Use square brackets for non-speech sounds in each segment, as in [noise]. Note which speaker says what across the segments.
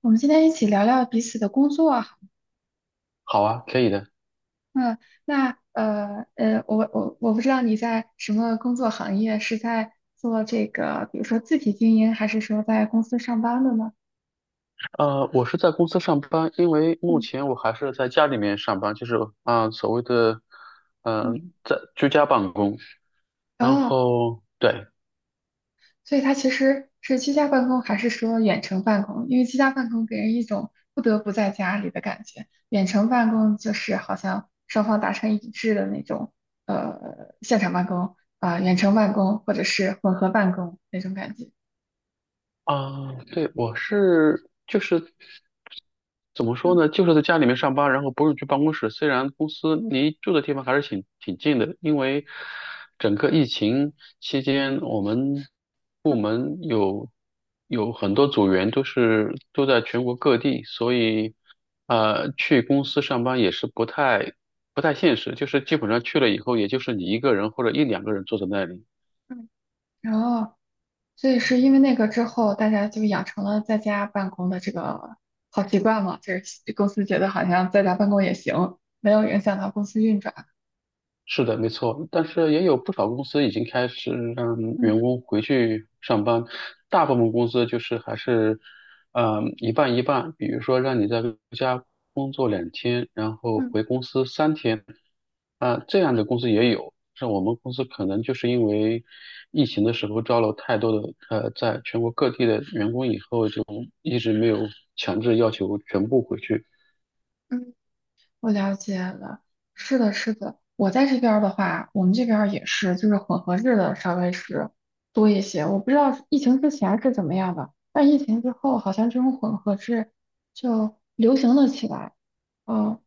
Speaker 1: 我们今天一起聊聊彼此的工作啊。
Speaker 2: 好啊，可以的。
Speaker 1: 嗯，那我不知道你在什么工作行业，是在做这个，比如说自己经营，还是说在公司上班的呢？
Speaker 2: 我是在公司上班，因为目
Speaker 1: 嗯
Speaker 2: 前我还是在家里面上班，就是所谓的嗯、呃
Speaker 1: 嗯，
Speaker 2: 在居家办公。然
Speaker 1: 哦，
Speaker 2: 后对，
Speaker 1: 所以它其实是居家办公，还是说远程办公？因为居家办公给人一种不得不在家里的感觉，远程办公就是好像双方达成一致的那种，现场办公啊，远程办公或者是混合办公那种感觉。
Speaker 2: 啊，对，我是就是怎么说
Speaker 1: 嗯
Speaker 2: 呢，就是在家里面上班，然后不用去办公室。虽然公司离住的地方还是挺近的，因为整个疫情期间，我们部门有很多组员都在全国各地，所以去公司上班也是不太现实，就是基本上去了以后，也就是你一个人或者一两个人坐在那里。
Speaker 1: 嗯。然后，所以是因为那个之后，大家就养成了在家办公的这个好习惯嘛。就是公司觉得好像在家办公也行，没有影响到公司运转。
Speaker 2: 是的，没错，但是也有不少公司已经开始让员
Speaker 1: 嗯
Speaker 2: 工回去上班，大部分公司就是还是，嗯，一半一半，比如说让你在家工作两天，然后
Speaker 1: 嗯
Speaker 2: 回公司三天，这样的公司也有，像我们公司可能就是因为疫情的时候招了太多的在全国各地的员工以后，就一直没有强制要求全部回去。
Speaker 1: 嗯，我了解了。是的，是的。我在这边儿的话，我们这边儿也是，就是混合制的稍微是多一些。我不知道疫情之前是怎么样的，但疫情之后，好像这种混合制就流行了起来。嗯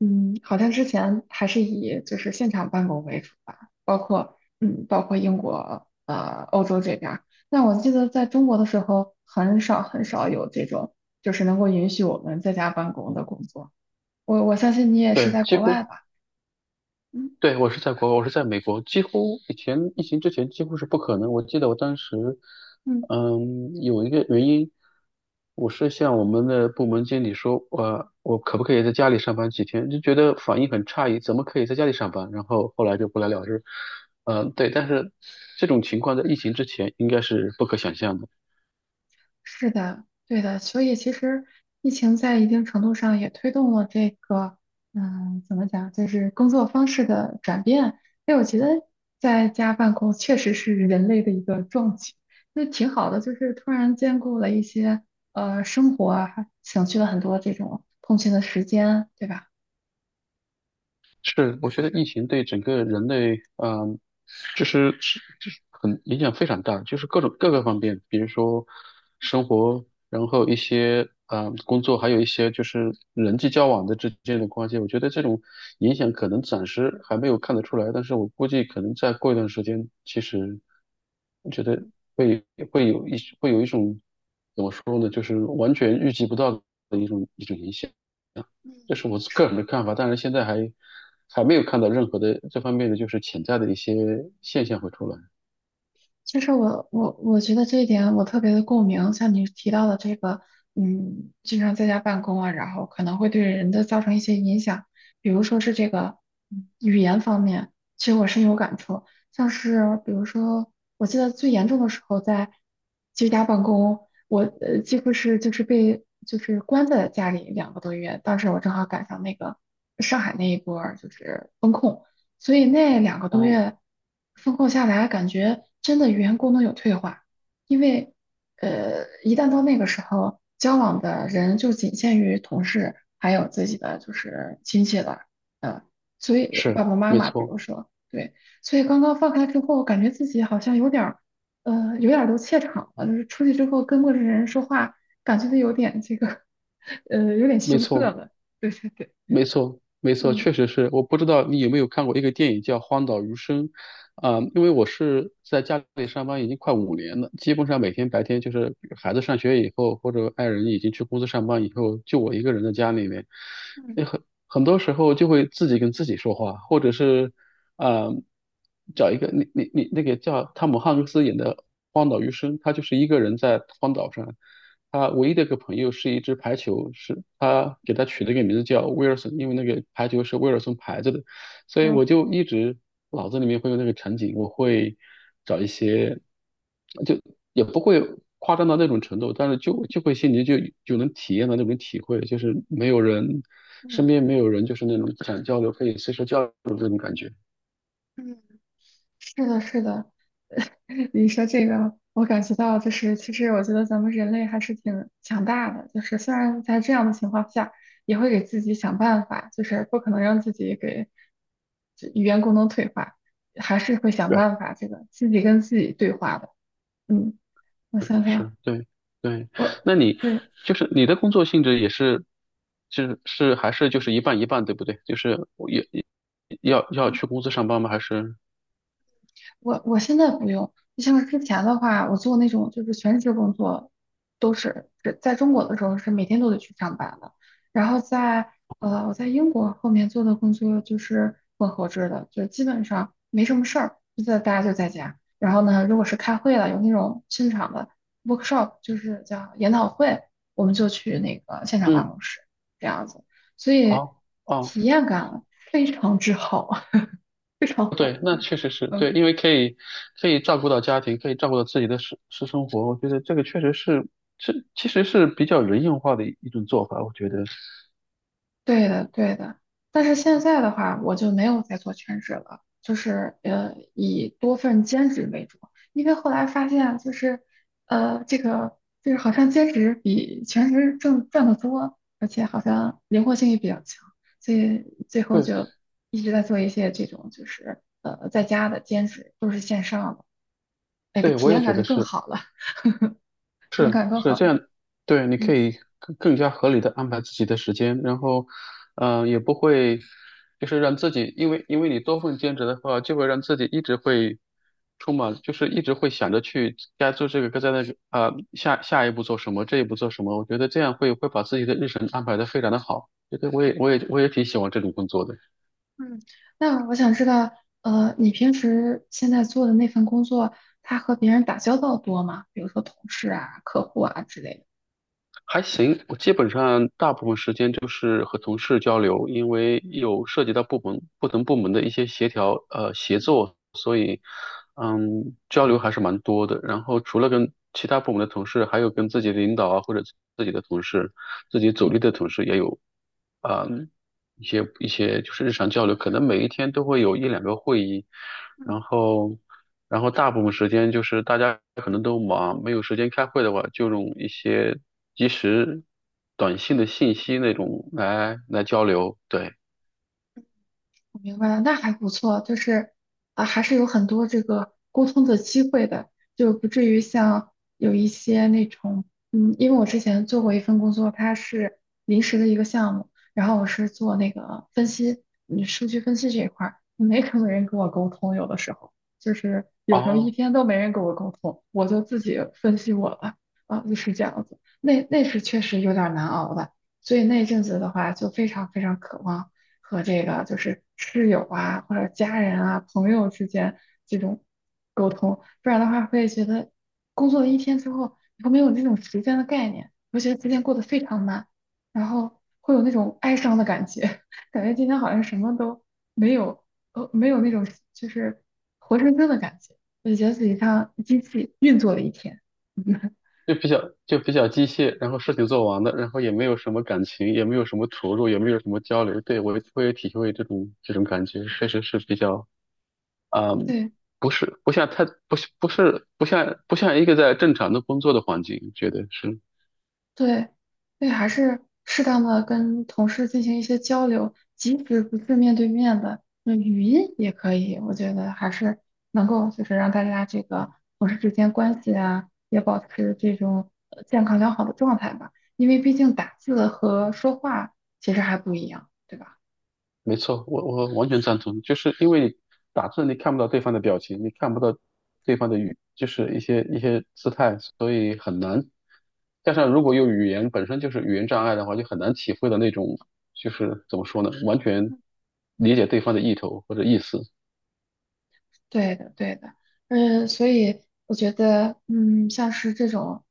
Speaker 1: 嗯，好像之前还是以就是现场办公为主吧，包括嗯，包括英国、欧洲这边儿。但我记得在中国的时候，很少很少有这种就是能够允许我们在家办公的工作。我相信你也是
Speaker 2: 对，
Speaker 1: 在
Speaker 2: 几
Speaker 1: 国
Speaker 2: 乎
Speaker 1: 外吧？嗯
Speaker 2: 对，我是在国外，我是在美国，几乎以前疫情之前几乎是不可能。我记得我当时，
Speaker 1: 嗯。
Speaker 2: 嗯，有一个原因，我是向我们的部门经理说，我可不可以在家里上班几天？就觉得反应很诧异，怎么可以在家里上班？然后后来就不了了之。嗯，对，但是这种情况在疫情之前应该是不可想象的。
Speaker 1: 是的，对的，所以其实疫情在一定程度上也推动了这个，嗯，怎么讲，就是工作方式的转变。因为我觉得在家办公确实是人类的一个壮举，那挺好的，就是突然兼顾了一些生活啊，还省去了很多这种通勤的时间，对吧？
Speaker 2: 是，我觉得疫情对整个人类，就是很影响非常大，就是各种各个方面，比如说生活，然后一些工作，还有一些就是人际交往的之间的关系。我觉得这种影响可能暂时还没有看得出来，但是我估计可能再过一段时间，其实我觉得会会有一种怎么说呢，就是完全预计不到的一种影响。这是我个人的看法，但是现在还还没有看到任何的这方面的就是潜在的一些现象会出来。
Speaker 1: 其实我觉得这一点我特别的共鸣，像你提到的这个，嗯，经常在家办公啊，然后可能会对人的造成一些影响，比如说是这个语言方面，其实我深有感触。像是比如说，我记得最严重的时候在居家办公，我几乎是就是被就是关在家里两个多月，当时我正好赶上那个上海那一波儿就是封控。所以那两个多
Speaker 2: 哦，
Speaker 1: 月风控下来，感觉真的语言功能有退化，因为一旦到那个时候，交往的人就仅限于同事，还有自己的就是亲戚了，嗯，所以爸
Speaker 2: 是，
Speaker 1: 爸妈
Speaker 2: 没
Speaker 1: 妈，比如
Speaker 2: 错，
Speaker 1: 说，对，所以刚刚放开之后，感觉自己好像有点儿，有点儿都怯场了，就是出去之后跟陌生人说话，感觉都有点这个，有点
Speaker 2: 没
Speaker 1: 羞涩
Speaker 2: 错。
Speaker 1: 了，对对对，
Speaker 2: 没错，没错，
Speaker 1: 嗯
Speaker 2: 确实是。我不知道你有没有看过一个电影叫《荒岛余生》，因为我是在家里上班已经快五年了，基本上每天白天就是孩子上学以后，或者爱人已经去公司上班以后，就我一个人在家里面，
Speaker 1: 嗯，
Speaker 2: 那很多时候就会自己跟自己说话，或者是啊、找一个你那个叫汤姆汉克斯演的《荒岛余生》，他就是一个人在荒岛上，他唯一的一个朋友是一只排球，是他给他取了一个名字叫威尔森，因为那个排球是威尔森牌子的，所
Speaker 1: 然
Speaker 2: 以
Speaker 1: 后
Speaker 2: 我就一直脑子里面会有那个场景，我会找一些，就也不会夸张到那种程度，但是就会心里就能体验到那种体会，就是没有人身
Speaker 1: 嗯
Speaker 2: 边没有人，就是那种想交流可以随时交流的这种感觉。
Speaker 1: 嗯。是的，是的，你说这个，我感觉到就是，其实我觉得咱们人类还是挺强大的，就是虽然在这样的情况下，也会给自己想办法，就是不可能让自己给这语言功能退化，还是会想
Speaker 2: 对。
Speaker 1: 办法这个自己跟自己对话的。嗯，我想想，
Speaker 2: 是，对对。
Speaker 1: 我
Speaker 2: 那你
Speaker 1: 对，
Speaker 2: 就是你的工作性质也是，就是是还是就是一半一半，对不对？就是我也要去公司上班吗？还是？
Speaker 1: 我现在不用，就像是之前的话，我做那种就是全职工作，都是是在中国的时候是每天都得去上班的。然后在我在英国后面做的工作就是混合制的，就基本上没什么事儿，就在大家就在家。然后呢，如果是开会了，有那种现场的 workshop,就是叫研讨会，我们就去那个现场办
Speaker 2: 嗯，
Speaker 1: 公室这样子，所以
Speaker 2: 哦哦，
Speaker 1: 体验感非常之好，[laughs] 非常
Speaker 2: 对，
Speaker 1: 好。
Speaker 2: 那确实是
Speaker 1: 嗯。
Speaker 2: 对，因为可以可以照顾到家庭，可以照顾到自己的私生活，我觉得这个确实是其实是比较人性化的一种做法，我觉得，
Speaker 1: 对的，对的。但是现在的话，我就没有再做全职了，就是以多份兼职为主。因为后来发现，就是这个就是好像兼职比全职挣赚的多，而且好像灵活性也比较强，所以最后
Speaker 2: 对
Speaker 1: 就一直在做一些这种就是在家的兼职，都是线上的，那个
Speaker 2: 对，
Speaker 1: 体
Speaker 2: 我也
Speaker 1: 验
Speaker 2: 觉
Speaker 1: 感
Speaker 2: 得
Speaker 1: 就更
Speaker 2: 是。
Speaker 1: 好了，体验感更
Speaker 2: 是
Speaker 1: 好
Speaker 2: 这
Speaker 1: 了。
Speaker 2: 样，对，你可
Speaker 1: 嗯。
Speaker 2: 以更加合理的安排自己的时间，然后，嗯，也不会就是让自己，因为你多份兼职的话，就会让自己一直会充满，就是一直会想着去该做这个，该在那个，下一步做什么，这一步做什么，我觉得这样会把自己的日程安排的非常的好，觉得我也挺喜欢这种工作的。
Speaker 1: 嗯，那我想知道，你平时现在做的那份工作，他和别人打交道多吗？比如说同事啊、客户啊之类的。
Speaker 2: 还行，我基本上大部分时间就是和同事交流，因为有涉及到不同部门的一些协调协作，所以嗯交流还是蛮多的。然后除了跟其他部门的同事，还有跟自己的领导啊或者自己的同事、自己组
Speaker 1: 嗯
Speaker 2: 里的同事也有嗯，一些就是日常交流，可能每一天都会有一两个会议，
Speaker 1: 嗯
Speaker 2: 然后然后大部分时间就是大家可能都忙，没有时间开会的话，就用一些即时短信
Speaker 1: 嗯。
Speaker 2: 的信息那种来交流，对，
Speaker 1: 我明白了，那还不错，就是啊，还是有很多这个沟通的机会的，就不至于像有一些那种，嗯，因为我之前做过一份工作，它是临时的一个项目，然后我是做那个分析，嗯，数据分析这一块儿，没什么 [laughs] 人跟我沟通，有的时候就是有时候一
Speaker 2: 哦。
Speaker 1: 天都没人跟我沟通，我就自己分析我了，啊，就是这样子，那那是确实有点儿难熬的，所以那阵子的话，就非常非常渴望。和这个就是室友啊或者家人啊朋友之间这种沟通，不然的话会觉得工作了一天之后，你会没有那种时间的概念，会觉得时间过得非常慢，然后会有那种哀伤的感觉，[laughs] 感觉今天好像什么都没有，没有那种就是活生生的感觉，我就觉得自己像机器运作了一天。[laughs]
Speaker 2: 就比较机械，然后事情做完了，然后也没有什么感情，也没有什么投入，也没有什么交流。对，我会体会这种感觉，确实是比较嗯，
Speaker 1: 对，
Speaker 2: 不是，不像太，不是，不是，不像，不像一个在正常的工作的环境，觉得是
Speaker 1: 对，所以还是适当的跟同事进行一些交流，即使不是面对面的，那语音也可以。我觉得还是能够就是让大家这个同事之间关系啊，也保持这种健康良好的状态吧。因为毕竟打字和说话其实还不一样，对吧？
Speaker 2: 没错，我完全赞同，就是因为你打字你看不到对方的表情，你看不到对方的语，就是一些姿态，所以很难。加上如果有语言本身就是语言障碍的话，就很难体会到那种就是怎么说呢，完全理解对方的意图或者意思。
Speaker 1: 对的，对的，嗯，所以我觉得，嗯，像是这种，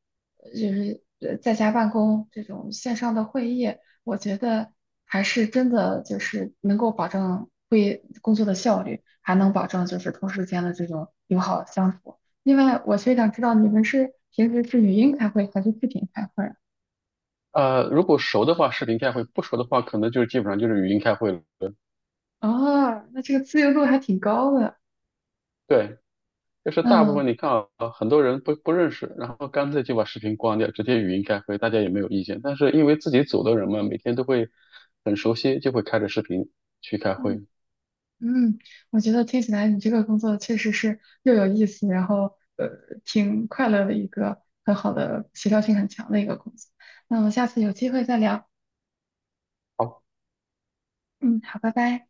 Speaker 1: 在家办公这种线上的会议，我觉得还是真的就是能够保证会工作的效率，还能保证就是同事间的这种友好相处。另外，我非想知道你们是平时是语音开会还是视频开会啊？
Speaker 2: 呃，如果熟的话，视频开会；不熟的话，可能就是基本上就是语音开会了。
Speaker 1: 哦，那这个自由度还挺高的，
Speaker 2: 对，就是大部
Speaker 1: 嗯
Speaker 2: 分你看啊，很多人不认识，然后干脆就把视频关掉，直接语音开会，大家也没有意见。但是因为自己组的人嘛，每天都会很熟悉，就会开着视频去开
Speaker 1: 嗯。
Speaker 2: 会。
Speaker 1: 嗯，我觉得听起来你这个工作确实是又有意思，然后挺快乐的一个很好的协调性很强的一个工作。那我们下次有机会再聊。
Speaker 2: 好。
Speaker 1: 嗯，好，拜拜。